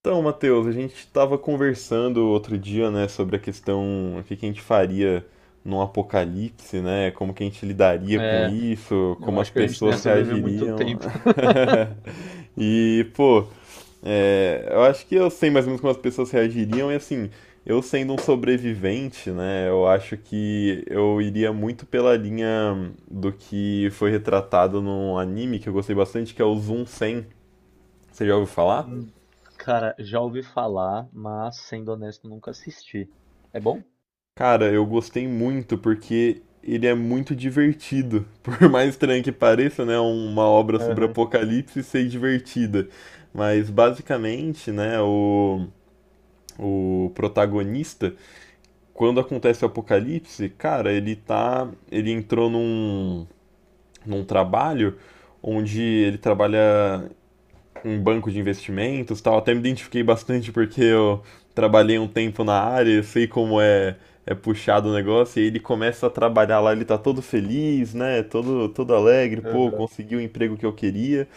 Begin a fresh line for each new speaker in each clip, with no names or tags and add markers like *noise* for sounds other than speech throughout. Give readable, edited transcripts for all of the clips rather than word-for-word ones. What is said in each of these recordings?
Então, Matheus, a gente estava conversando outro dia, né, sobre a questão, o que que a gente faria num apocalipse, né? Como que a gente lidaria com
É,
isso,
eu
como as
acho que a gente não ia
pessoas
sobreviver muito
reagiriam.
tempo. *laughs*
*laughs* E, pô, eu acho que eu sei mais ou menos como as pessoas reagiriam, e assim, eu sendo um sobrevivente, né, eu acho que eu iria muito pela linha do que foi retratado num anime que eu gostei bastante, que é o Zoom 100. Você já ouviu falar?
Hum, Cara, já ouvi falar, mas sendo honesto, nunca assisti. É bom?
Cara, eu gostei muito porque ele é muito divertido. *laughs* Por mais estranho que pareça, né, uma obra sobre
Aham,
apocalipse ser divertida. Mas basicamente, né, o protagonista, quando acontece o apocalipse, cara, ele entrou num trabalho onde ele trabalha um banco de investimentos tal. Até me identifiquei bastante porque eu trabalhei um tempo na área, eu sei como é puxado o negócio. E aí ele começa a trabalhar lá, ele tá todo feliz, né? Todo, todo alegre, pô,
aham.
conseguiu o emprego que eu queria.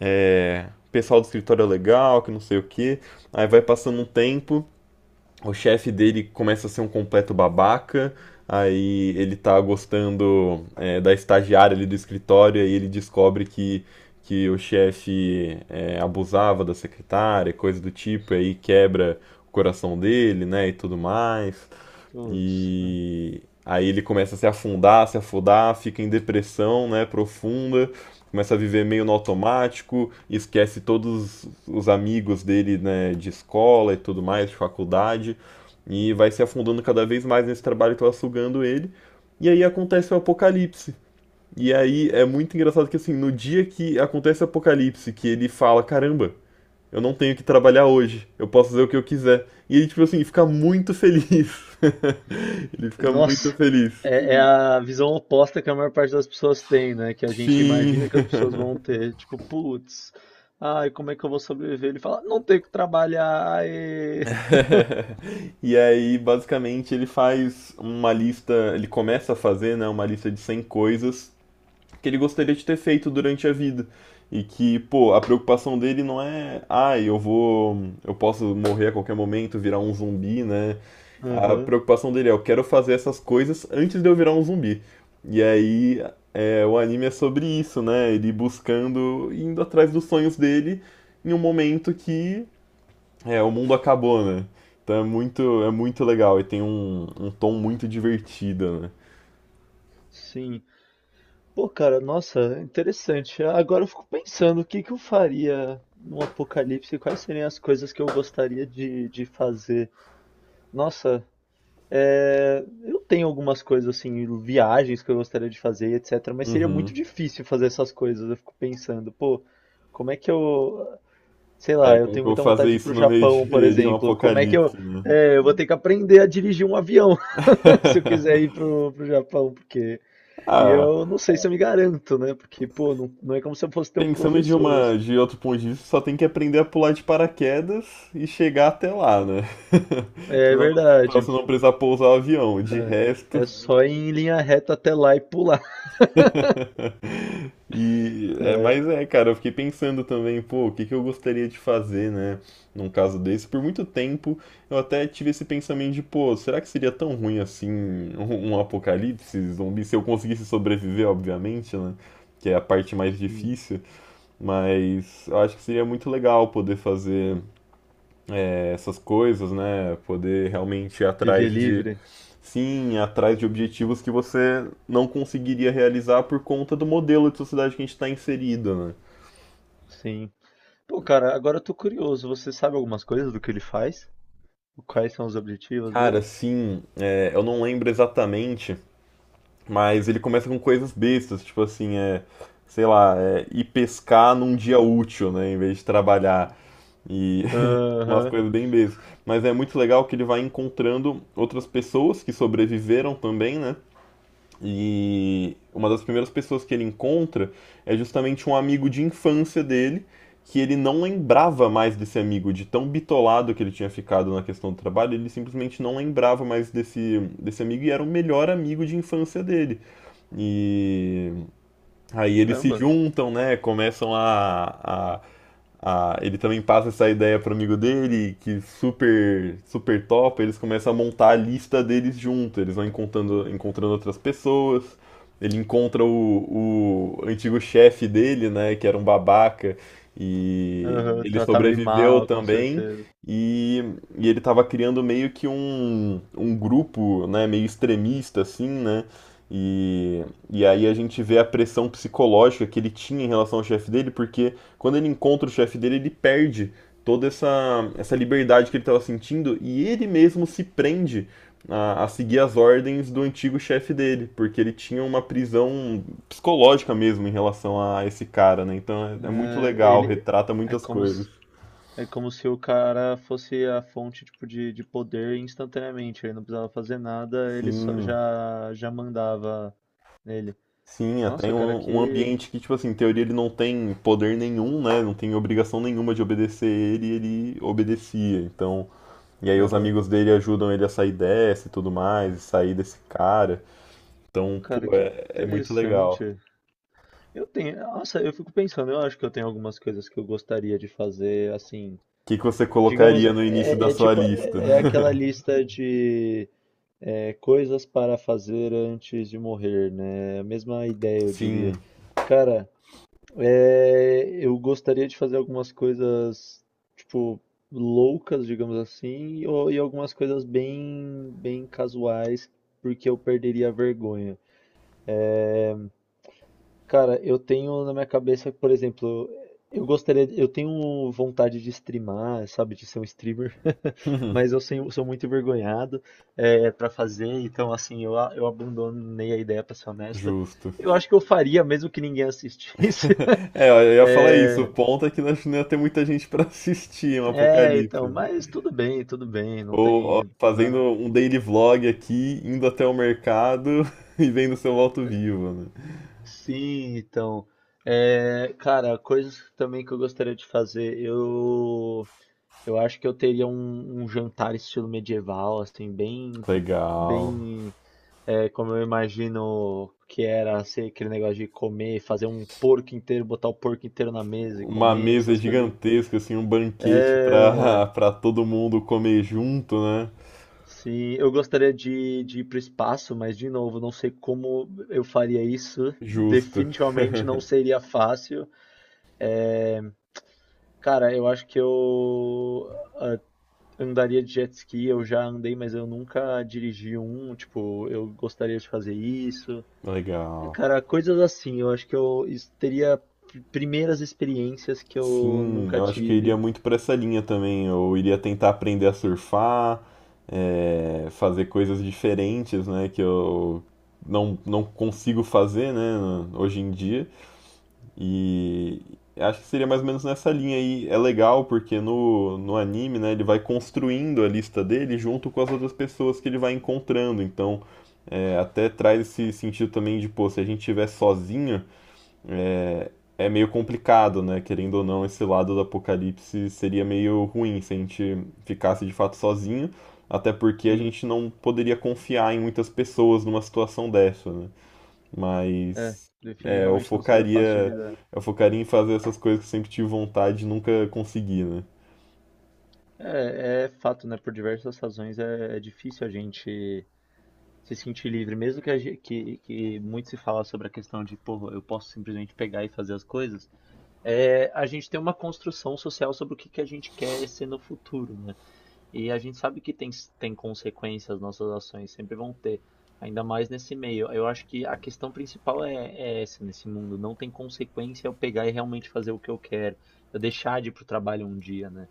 É, Pessoal do escritório é legal, que não sei o quê. Aí vai passando um tempo o chefe dele começa a ser um completo babaca. Aí ele tá gostando da estagiária ali do escritório, aí ele descobre que o chefe abusava da secretária, coisa do tipo, aí quebra o coração dele, né, e tudo mais.
Putz.
E aí ele começa a se afundar, se afundar, fica em depressão, né, profunda, começa a viver meio no automático, esquece todos os amigos dele, né, de escola e tudo mais, de faculdade, e vai se afundando cada vez mais nesse trabalho que tava sugando ele. E aí acontece o apocalipse. E aí é muito engraçado que assim, no dia que acontece o apocalipse, que ele fala, caramba, eu não tenho que trabalhar hoje, eu posso fazer o que eu quiser. E ele, tipo assim, fica muito feliz. *laughs* Ele fica muito
Nossa,
feliz.
é a visão oposta que a maior parte das pessoas tem, né? Que a gente
Sim.
imagina que as pessoas
*laughs*
vão ter. Tipo, putz, ai, como é que eu vou sobreviver? Ele fala, não tenho que trabalhar. Aê.
*laughs* E aí, basicamente, ele começa a fazer, né, uma lista de 100 coisas que ele gostaria de ter feito durante a vida. E que, pô, a preocupação dele não é, ai, ah, eu posso morrer a qualquer momento, virar um zumbi, né? A
Aham.
preocupação dele é, eu quero fazer essas coisas antes de eu virar um zumbi. E aí, o anime é sobre isso, né? Ele buscando, indo atrás dos sonhos dele em um momento que o mundo acabou, né? Então é muito legal e tem um tom muito divertido, né?
Sim. Pô, cara, nossa, interessante. Agora eu fico pensando o que que eu faria num apocalipse, quais seriam as coisas que eu gostaria de fazer. Nossa, é, eu tenho algumas coisas assim, viagens que eu gostaria de fazer, etc. Mas seria muito
Uhum.
difícil fazer essas coisas. Eu fico pensando, pô, como é que eu, sei
É,
lá, eu
como que
tenho
eu vou
muita vontade
fazer
de ir
isso
pro
no meio
Japão, por
de um
exemplo. Como é que eu,
apocalipse, né?
é, eu vou ter que aprender a dirigir um avião. *laughs* Se eu quiser ir
*laughs*
pro Japão, porque e
Ah,
eu não sei se eu me garanto, né? Porque, pô, não é como se eu fosse ter um
pensando de
professor.
uma, de outro ponto de vista, só tem que aprender a pular de paraquedas e chegar até lá, né? *laughs*
É
Senão, pra
verdade.
você não precisar pousar o avião. De resto,
É, é só ir em linha reta até lá e pular. *laughs*
*laughs* E é,
É.
mas é, cara, eu fiquei pensando também, pô, o que que eu gostaria de fazer, né, num caso desse. Por muito tempo eu até tive esse pensamento de, pô, será que seria tão ruim assim um apocalipse zumbi se eu conseguisse sobreviver, obviamente, né? Que é a parte mais
Sim.
difícil, mas eu acho que seria muito legal poder fazer essas coisas, né? Poder realmente ir
Viver
atrás de...
livre.
Sim, atrás de objetivos que você não conseguiria realizar por conta do modelo de sociedade que a gente está inserido, né?
Sim. Pô, cara, agora eu tô curioso. Você sabe algumas coisas do que ele faz? Quais são os objetivos
Cara,
dele?
sim, eu não lembro exatamente, mas ele começa com coisas bestas, tipo assim, é, sei lá, é, ir pescar num dia útil, né, em vez de trabalhar. E *laughs* umas
Aham.
coisas bem bestas. Mas é muito legal que ele vai encontrando outras pessoas que sobreviveram também, né? E uma das primeiras pessoas que ele encontra é justamente um amigo de infância dele, que ele não lembrava mais desse amigo, de tão bitolado que ele tinha ficado na questão do trabalho, ele simplesmente não lembrava mais desse amigo e era o melhor amigo de infância dele. E... Aí eles se
Caramba.
juntam, né? Começam Ele também passa essa ideia pro amigo dele, que super, super top. Eles começam a montar a lista deles junto. Eles vão encontrando outras pessoas. Ele encontra o antigo chefe dele, né? Que era um babaca. E
Aham,
ele
tratava ele
sobreviveu
mal, com
também.
certeza.
E, e ele tava criando meio que um grupo, né? Meio extremista, assim, né? E. E aí a gente vê a pressão psicológica que ele tinha em relação ao chefe dele, porque quando ele encontra o chefe dele, ele perde toda essa, essa liberdade que ele estava sentindo e ele mesmo se prende a seguir as ordens do antigo chefe dele, porque ele tinha uma prisão psicológica mesmo em relação a esse cara, né? Então é, é muito
É,
legal,
ele
retrata
é
muitas
como
coisas.
se o cara fosse a fonte tipo, de poder instantaneamente. Ele não precisava fazer nada, ele só,
Sim,
já mandava nele.
sim, até
Nossa, cara,
um
que.
ambiente que, tipo assim, em teoria ele não tem poder nenhum, né? Não tem obrigação nenhuma de obedecer ele, e ele obedecia. Então... E aí os
Aham.
amigos dele ajudam ele a sair dessa e tudo mais, e sair desse cara. Então,
Cara,
pô,
que
é, é muito legal.
interessante. Eu tenho. Nossa, eu fico pensando, eu acho que eu tenho algumas coisas que eu gostaria de fazer, assim.
O que, que você
Digamos,
colocaria no início da
é
sua
tipo.
lista?
É aquela lista de coisas para fazer antes de morrer, né? A mesma ideia, eu
Sim.
diria. Cara. É, eu gostaria de fazer algumas coisas, tipo, loucas, digamos assim, e algumas coisas bem casuais, porque eu perderia a vergonha. Cara, eu tenho na minha cabeça, por exemplo, eu tenho vontade de streamar, sabe, de ser um streamer, *laughs* mas eu
*laughs*
sou, muito envergonhado é, para fazer, então, assim, eu abandonei a ideia, pra ser honesto.
Justo.
Eu acho que eu faria, mesmo que ninguém assistisse. *laughs*
*laughs* É, eu ia falar isso. O
É.
ponto é que nós não ia ter muita gente pra *laughs* assistir um
É,
apocalipse,
então,
né?
mas tudo bem, não
Ou ó,
tem, não
fazendo
dá-
um daily vlog aqui, indo até o mercado *laughs* e vendo seu voto vivo, né?
Sim, então, é, cara, coisas também que eu gostaria de fazer, eu acho que eu teria um, um jantar estilo medieval, assim, bem,
Legal.
bem, é, como eu imagino que era ser aquele negócio de comer, fazer um porco inteiro, botar o porco inteiro na mesa e
Uma
comer,
mesa
essas coisas.
gigantesca, assim, um banquete
É.
pra, *laughs* pra todo mundo comer junto, né?
Sim, eu gostaria de ir para o espaço, mas de novo, não sei como eu faria isso.
Justo.
Definitivamente não
*laughs*
seria fácil. É, cara, eu acho que eu ah, andaria de jet ski. Eu já andei, mas eu nunca dirigi um. Tipo, eu gostaria de fazer isso. É,
Legal.
cara, coisas assim. Eu acho que eu teria primeiras experiências que eu
Sim,
nunca
eu acho que eu iria
tive.
muito pra essa linha também. Eu iria tentar aprender a surfar, é, fazer coisas diferentes, né? Que eu não, não consigo fazer, né? Hoje em dia. E acho que seria mais ou menos nessa linha aí. É legal porque no anime, né, ele vai construindo a lista dele junto com as outras pessoas que ele vai encontrando. Então, é, até traz esse sentido também de, pô, se a gente estiver sozinho, é meio complicado, né? Querendo ou não, esse lado do apocalipse seria meio ruim se a gente ficasse de fato sozinho. Até porque a
Sim.
gente não poderia confiar em muitas pessoas numa situação dessa, né?
É,
Mas é,
definitivamente não seria fácil de lidar.
eu focaria em fazer essas coisas que eu sempre tive vontade e nunca consegui, né?
É, é fato, né? Por diversas razões é difícil a gente se sentir livre, mesmo que, que muito se fala sobre a questão de, pô, eu posso simplesmente pegar e fazer as coisas. É, a gente tem uma construção social sobre que a gente quer ser no futuro, né? E a gente sabe que tem, tem consequências, nossas ações sempre vão ter, ainda mais nesse meio. Eu acho que a questão principal é, é essa nesse mundo. Não tem consequência eu pegar e realmente fazer o que eu quero, eu deixar de ir pro trabalho um dia, né?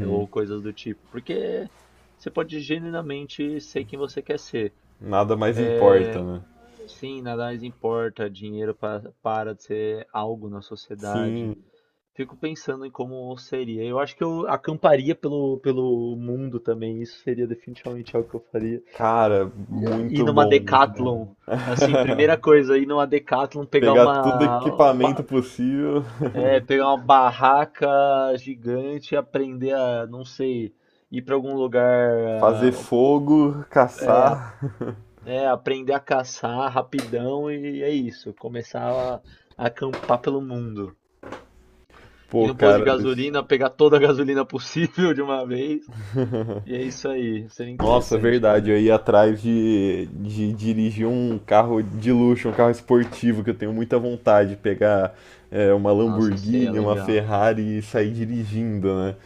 Ou coisas do tipo. Porque você pode genuinamente ser quem você quer ser.
Nada mais importa,
É,
né?
sim, nada mais importa, para de ser algo na sociedade.
Sim,
Fico pensando em como seria. Eu acho que eu acamparia pelo mundo também. Isso seria definitivamente algo que eu faria.
cara,
Ir
muito
numa
bom, muito bom.
Decathlon. Assim, primeira
*laughs*
coisa, ir numa Decathlon, pegar
Pegar todo equipamento possível,
pegar uma barraca gigante e aprender a, não sei, ir para algum lugar,
fazer fogo,
é,
caçar. *laughs*
aprender a caçar rapidão e é isso. Começar a acampar pelo mundo. Ir
Pô,
no posto de
cara, isso...
gasolina, pegar toda a gasolina possível de uma vez. E
*laughs*
é isso aí, seria
Nossa, é
interessante,
verdade. Eu
cara.
ia atrás de dirigir um carro de luxo, um carro esportivo, que eu tenho muita vontade de pegar uma
Nossa, isso seria
Lamborghini, uma
legal.
Ferrari e sair dirigindo, né?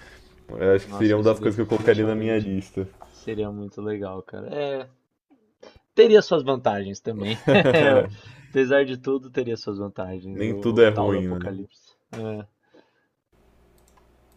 Eu acho que seria
Nossa,
uma
isso
das coisas que eu colocaria na minha
definitivamente
lista.
seria muito legal, cara. É, teria suas vantagens também.
*laughs*
*laughs* Apesar de tudo, teria suas vantagens,
Nem tudo
o
é
tal do
ruim, né?
apocalipse. É.